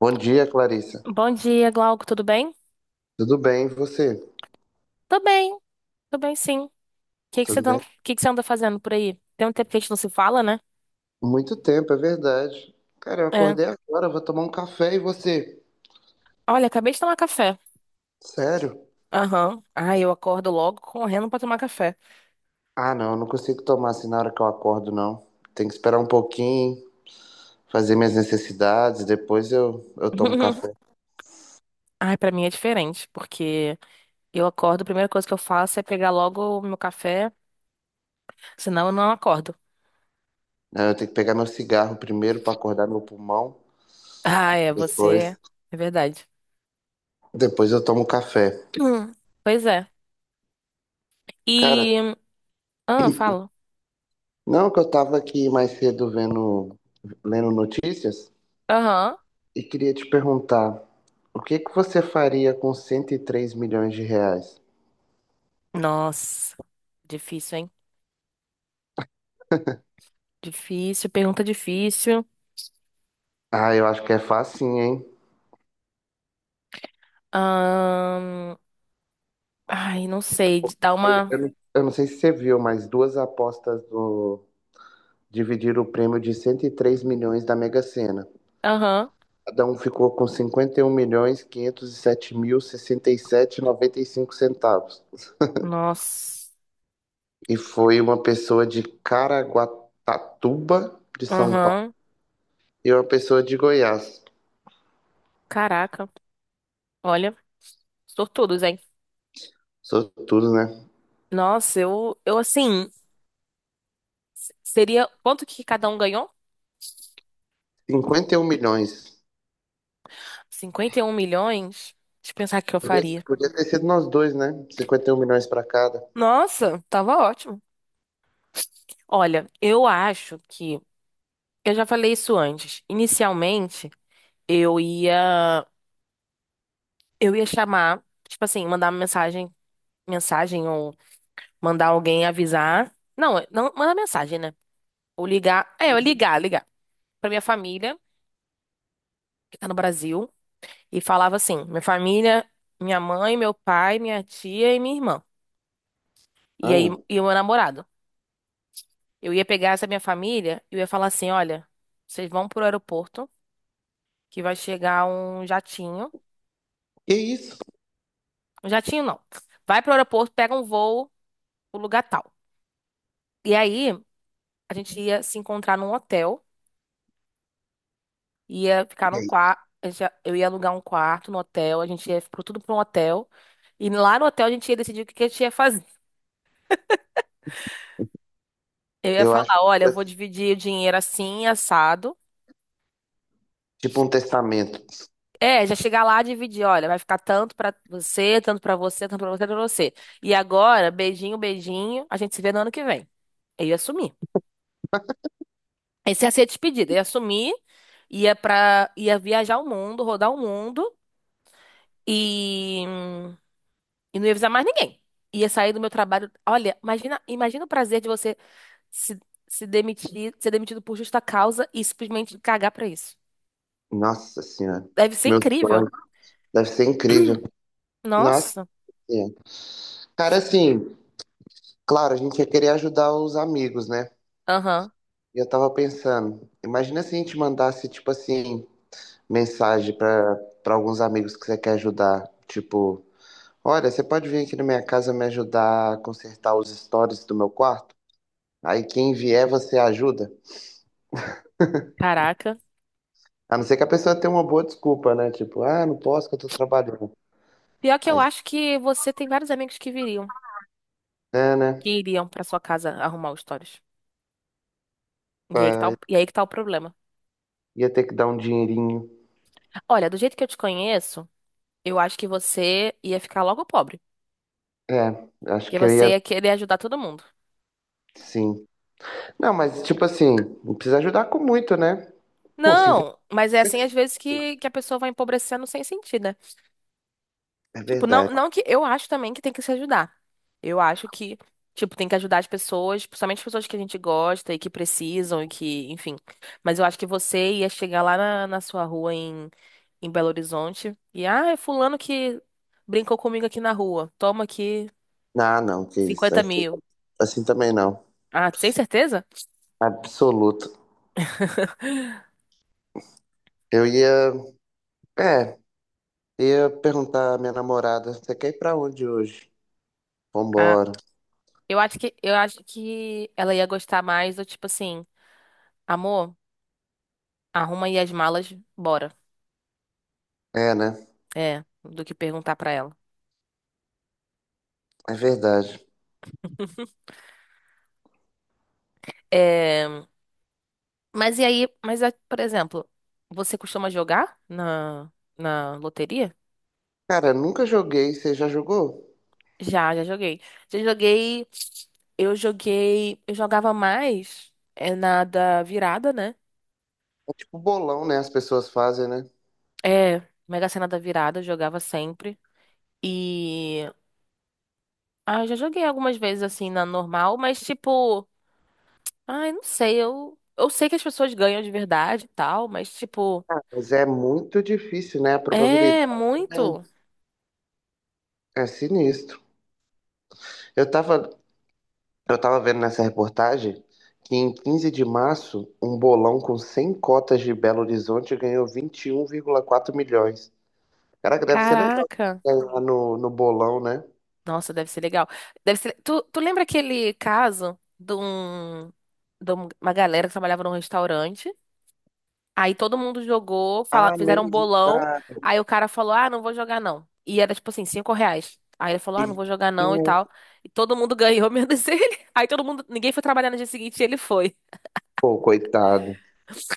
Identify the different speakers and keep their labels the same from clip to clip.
Speaker 1: Bom dia, Clarissa.
Speaker 2: Bom dia, Glauco, tudo bem?
Speaker 1: Tudo bem, e você?
Speaker 2: Tô bem, tô bem sim. O que que você
Speaker 1: Tudo
Speaker 2: tá-
Speaker 1: bem?
Speaker 2: que você anda fazendo por aí? Tem um tempo que a gente não se fala, né?
Speaker 1: Muito tempo, é verdade. Cara, eu
Speaker 2: É.
Speaker 1: acordei agora, vou tomar um café e você?
Speaker 2: Olha, acabei de tomar café.
Speaker 1: Sério?
Speaker 2: Aham. Ah, eu acordo logo correndo pra tomar café.
Speaker 1: Ah, não, eu não consigo tomar assim na hora que eu acordo, não. Tem que esperar um pouquinho, fazer minhas necessidades, depois eu tomo café.
Speaker 2: Ai, pra mim é diferente, porque eu acordo, a primeira coisa que eu faço é pegar logo o meu café, senão eu não acordo.
Speaker 1: Não, eu tenho que pegar meu cigarro primeiro pra acordar meu pulmão,
Speaker 2: Ah, é,
Speaker 1: depois,
Speaker 2: você. É verdade.
Speaker 1: depois eu tomo café.
Speaker 2: Hum. Pois é.
Speaker 1: Cara,
Speaker 2: E. Ah, fala.
Speaker 1: não, que eu tava aqui mais cedo vendo, lendo notícias.
Speaker 2: Aham.
Speaker 1: E queria te perguntar, o que que você faria com 103 milhões de reais?
Speaker 2: Nossa, difícil, hein? Difícil, pergunta difícil.
Speaker 1: Ah, eu acho que é facinho, hein?
Speaker 2: Ahn, Ai, não sei. De dar uma.
Speaker 1: Eu não sei se você viu, mas duas apostas dividiram o prêmio de 103 milhões da Mega Sena.
Speaker 2: Aham.
Speaker 1: Cada um ficou com 51 milhões 507 mil sessenta e sete e 95 centavos.
Speaker 2: Nossa.
Speaker 1: E foi uma pessoa de Caraguatatuba, de São Paulo,
Speaker 2: Aham.
Speaker 1: e uma pessoa de Goiás.
Speaker 2: Caraca. Olha, sortudos, hein?
Speaker 1: Sou tudo, né?
Speaker 2: Nossa, eu assim. Seria. Quanto que cada um ganhou?
Speaker 1: 51 milhões.
Speaker 2: 51 milhões? Deixa eu pensar o que eu
Speaker 1: Podia,
Speaker 2: faria.
Speaker 1: podia ter sido nós dois, né? 51 milhões pra cada.
Speaker 2: Nossa, tava ótimo. Olha, eu acho que. Eu já falei isso antes. Inicialmente, eu ia. Eu ia chamar. Tipo assim, mandar uma mensagem. Mensagem ou mandar alguém avisar. Não, não, manda mensagem, né? Ou ligar. É, eu ligar, ligar. Pra minha família, que tá no Brasil. E falava assim: minha família, minha mãe, meu pai, minha tia e minha irmã. E aí,
Speaker 1: Ah,
Speaker 2: e o meu namorado. Eu ia pegar essa minha família e eu ia falar assim: olha, vocês vão pro aeroporto, que vai chegar um jatinho.
Speaker 1: que isso?
Speaker 2: Um jatinho não. Vai pro aeroporto, pega um voo, o lugar tal. E aí, a gente ia se encontrar num hotel. Ia ficar
Speaker 1: E
Speaker 2: num
Speaker 1: aí?
Speaker 2: quarto, eu ia alugar um quarto no hotel, a gente tudo para um hotel. E lá no hotel a gente ia decidir o que que a gente ia fazer. Eu ia
Speaker 1: Eu acho que
Speaker 2: falar, olha, eu
Speaker 1: vai
Speaker 2: vou
Speaker 1: ser
Speaker 2: dividir o dinheiro assim, assado.
Speaker 1: tipo um testamento.
Speaker 2: É, já chegar lá e dividir, olha, vai ficar tanto pra você, tanto pra você, tanto pra você, tanto pra você. E agora, beijinho, beijinho, a gente se vê no ano que vem. Eu ia sumir. Esse ia ser a despedida, eu ia sumir, ia viajar o mundo, rodar o mundo e E não ia avisar mais ninguém. Ia sair do meu trabalho. Olha, imagina, imagina o prazer de você se, se demitir, ser demitido por justa causa e simplesmente cagar pra isso.
Speaker 1: Nossa Senhora.
Speaker 2: Deve ser
Speaker 1: Meu
Speaker 2: incrível.
Speaker 1: sonho. Deve ser incrível. Nossa
Speaker 2: Nossa.
Speaker 1: Senhora. Cara, assim, claro, a gente ia querer ajudar os amigos, né?
Speaker 2: Aham.
Speaker 1: E eu tava pensando, imagina se a gente mandasse, tipo assim, mensagem pra alguns amigos que você quer ajudar. Tipo, olha, você pode vir aqui na minha casa me ajudar a consertar os stories do meu quarto? Aí quem vier, você ajuda?
Speaker 2: Caraca.
Speaker 1: A não ser que a pessoa tenha uma boa desculpa, né? Tipo, ah, não posso que eu tô trabalhando.
Speaker 2: Pior que eu
Speaker 1: Aí,
Speaker 2: acho que você tem vários amigos que viriam,
Speaker 1: é, né?
Speaker 2: que iriam pra sua casa arrumar os stories. E aí que tá,
Speaker 1: Aí
Speaker 2: o- e aí que tá o problema.
Speaker 1: ia ter que dar um dinheirinho.
Speaker 2: Olha, do jeito que eu te conheço, eu acho que você ia ficar logo pobre.
Speaker 1: É, acho
Speaker 2: Porque
Speaker 1: que eu
Speaker 2: você
Speaker 1: ia,
Speaker 2: ia querer ajudar todo mundo.
Speaker 1: sim. Não, mas tipo assim, não precisa ajudar com muito, né? Pô, sim,
Speaker 2: Não, mas é assim às vezes que a pessoa vai empobrecendo sem sentido, né?
Speaker 1: é
Speaker 2: Tipo, não,
Speaker 1: verdade.
Speaker 2: não que eu acho também que tem que se ajudar. Eu acho que, tipo, tem que ajudar as pessoas, principalmente as pessoas que a gente gosta e que precisam e que, enfim. Mas eu acho que você ia chegar lá na sua rua em Belo Horizonte e, ah, é fulano que brincou comigo aqui na rua. Toma aqui
Speaker 1: Ah, não, que isso.
Speaker 2: cinquenta
Speaker 1: Assim,
Speaker 2: mil.
Speaker 1: assim também não.
Speaker 2: Ah, sem certeza?
Speaker 1: Absoluto. Eu ia, é, ia perguntar à minha namorada, você quer ir pra onde hoje?
Speaker 2: Ah,
Speaker 1: Vambora.
Speaker 2: eu acho que ela ia gostar mais do tipo assim, amor, arruma aí as malas, bora.
Speaker 1: É, né?
Speaker 2: É, do que perguntar pra ela.
Speaker 1: É verdade.
Speaker 2: É, mas e aí, por exemplo, você costuma jogar na loteria?
Speaker 1: Cara, nunca joguei, você já jogou?
Speaker 2: Já joguei. Já joguei, eu jogava mais é, na da virada, né?
Speaker 1: É tipo bolão, né? As pessoas fazem, né?
Speaker 2: É, Mega Sena da virada, eu jogava sempre. E eu já joguei algumas vezes assim na normal, mas tipo, ai, não sei, eu sei que as pessoas ganham de verdade e tal, mas tipo,
Speaker 1: Mas é muito difícil, né? A
Speaker 2: é
Speaker 1: probabilidade é, um,
Speaker 2: muito.
Speaker 1: é sinistro. Eu tava, eu tava vendo nessa reportagem que em 15 de março, um bolão com 100 cotas de Belo Horizonte ganhou 21,4 milhões. Cara, deve ser legal
Speaker 2: Caraca.
Speaker 1: ganhar no bolão, né?
Speaker 2: Nossa, deve ser legal. Deve ser... Tu lembra aquele caso uma galera que trabalhava num restaurante? Aí todo mundo jogou,
Speaker 1: Ah,
Speaker 2: fizeram um
Speaker 1: menos um
Speaker 2: bolão.
Speaker 1: cara.
Speaker 2: Aí o cara falou: ah, não vou jogar não. E era tipo assim, R$ 5. Aí ele falou: ah, não vou jogar não e tal. E todo mundo ganhou, menos ele. Aí ninguém foi trabalhar no dia seguinte e ele foi.
Speaker 1: Pô, coitado.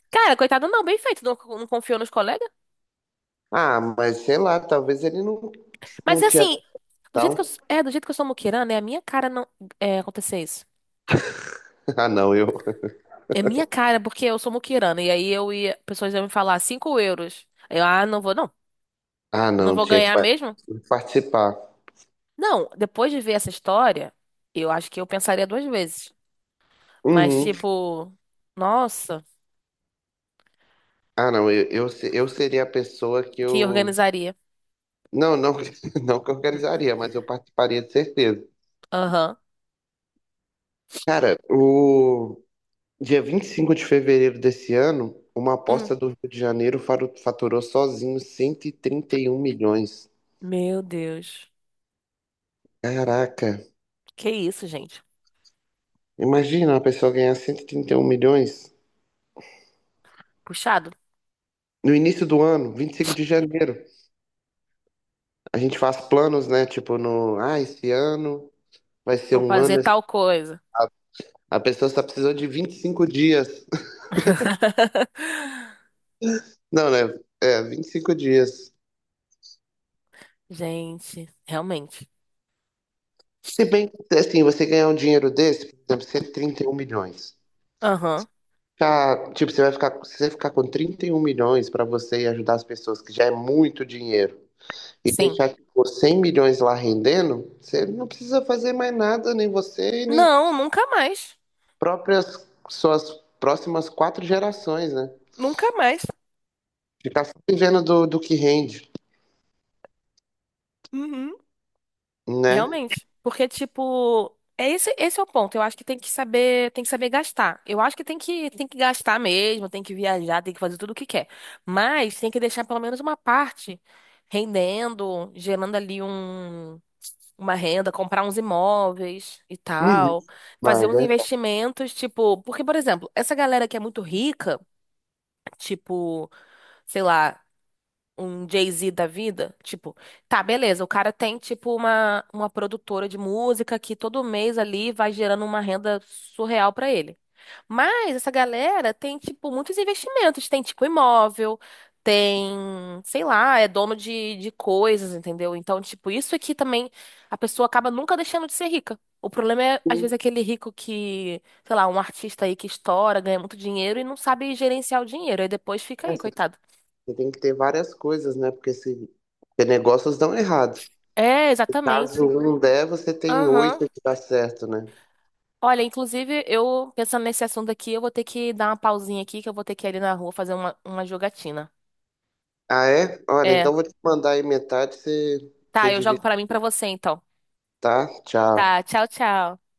Speaker 2: Cara, coitado, não, bem feito, não, não confiou nos colegas.
Speaker 1: Ah, mas sei lá, talvez ele não,
Speaker 2: Mas
Speaker 1: não tinha.
Speaker 2: assim, do jeito que eu,
Speaker 1: Não.
Speaker 2: s- é, do jeito que eu sou muquirana, é a minha cara não é, acontecer isso.
Speaker 1: Ah, não, eu.
Speaker 2: É minha cara, porque eu sou muquirana. E aí pessoas iam me falar 5 euros. Aí eu, não vou, não.
Speaker 1: Ah,
Speaker 2: Eu não
Speaker 1: não,
Speaker 2: vou
Speaker 1: tinha que
Speaker 2: ganhar mesmo?
Speaker 1: participar.
Speaker 2: Não, depois de ver essa história, eu acho que eu pensaria duas vezes. Mas,
Speaker 1: Uhum.
Speaker 2: tipo, nossa,
Speaker 1: Ah, não, eu, se- eu seria a pessoa que
Speaker 2: que
Speaker 1: eu.
Speaker 2: organizaria.
Speaker 1: Não, não, não que eu organizaria, mas eu participaria de certeza.
Speaker 2: Aham.
Speaker 1: Cara, o dia 25 de fevereiro desse ano, uma
Speaker 2: Hum.
Speaker 1: aposta do Rio de Janeiro faturou sozinho cento e trinta e um milhões.
Speaker 2: Meu Deus.
Speaker 1: Caraca,
Speaker 2: Que isso, gente?
Speaker 1: imagina uma pessoa ganhar cento e trinta e um milhões
Speaker 2: Puxado.
Speaker 1: no início do ano, 25 de janeiro. A gente faz planos, né? Tipo, no, ah, esse ano vai ser
Speaker 2: Vou
Speaker 1: um
Speaker 2: fazer
Speaker 1: ano.
Speaker 2: tal coisa.
Speaker 1: A pessoa só precisou de 25 dias. Não, né? É, 25 dias.
Speaker 2: Gente, realmente.
Speaker 1: Se bem que, assim, você ganhar um dinheiro desse, por exemplo, cento e trinta e um milhões.
Speaker 2: Aham.
Speaker 1: Cara, tipo, você vai ficar, se você ficar com 31 milhões pra você e ajudar as pessoas, que já é muito dinheiro, e
Speaker 2: Sim.
Speaker 1: deixar, tipo, 100 milhões lá rendendo, você não precisa fazer mais nada, nem você, e nem
Speaker 2: Não, nunca mais.
Speaker 1: próprias suas próximas quatro gerações, né?
Speaker 2: Nunca mais.
Speaker 1: Ficar só vivendo do que rende,
Speaker 2: Uhum.
Speaker 1: né?
Speaker 2: Realmente. Porque, tipo, esse é o ponto. Eu acho que tem que saber gastar. Eu acho que tem que gastar mesmo, tem que viajar, tem que fazer tudo o que quer. Mas tem que deixar pelo menos uma parte rendendo, gerando ali uma renda, comprar uns imóveis e
Speaker 1: Uhum.
Speaker 2: tal, fazer
Speaker 1: Mas,
Speaker 2: uns investimentos, tipo, porque, por exemplo, essa galera que é muito rica, tipo, sei lá um Jay-Z da vida, tipo, tá, beleza, o cara tem, tipo, uma produtora de música que todo mês ali vai gerando uma renda surreal pra ele. Mas essa galera tem, tipo, muitos investimentos, tem, tipo, imóvel, tem, sei lá, é dono de coisas, entendeu? Então, tipo, isso aqui também, a pessoa acaba nunca deixando de ser rica. O problema é, às vezes, aquele rico que, sei lá, um artista aí que estoura, ganha muito dinheiro e não sabe gerenciar o dinheiro, aí depois fica
Speaker 1: é,
Speaker 2: aí,
Speaker 1: assim,
Speaker 2: coitado.
Speaker 1: você tem que ter várias coisas, né? Porque se porque negócios dão errado.
Speaker 2: É,
Speaker 1: E caso
Speaker 2: exatamente.
Speaker 1: um der, você tem
Speaker 2: Aham.
Speaker 1: oito que dá certo, né?
Speaker 2: Olha, inclusive, eu pensando nesse assunto aqui, eu vou ter que dar uma pausinha aqui, que eu vou ter que ir ali na rua fazer uma jogatina.
Speaker 1: Ah, é? Olha,
Speaker 2: É.
Speaker 1: então vou te mandar aí metade, você,
Speaker 2: Tá,
Speaker 1: você
Speaker 2: eu jogo
Speaker 1: divide,
Speaker 2: pra mim e pra você, então.
Speaker 1: tá? Tchau.
Speaker 2: Tá, tchau, tchau.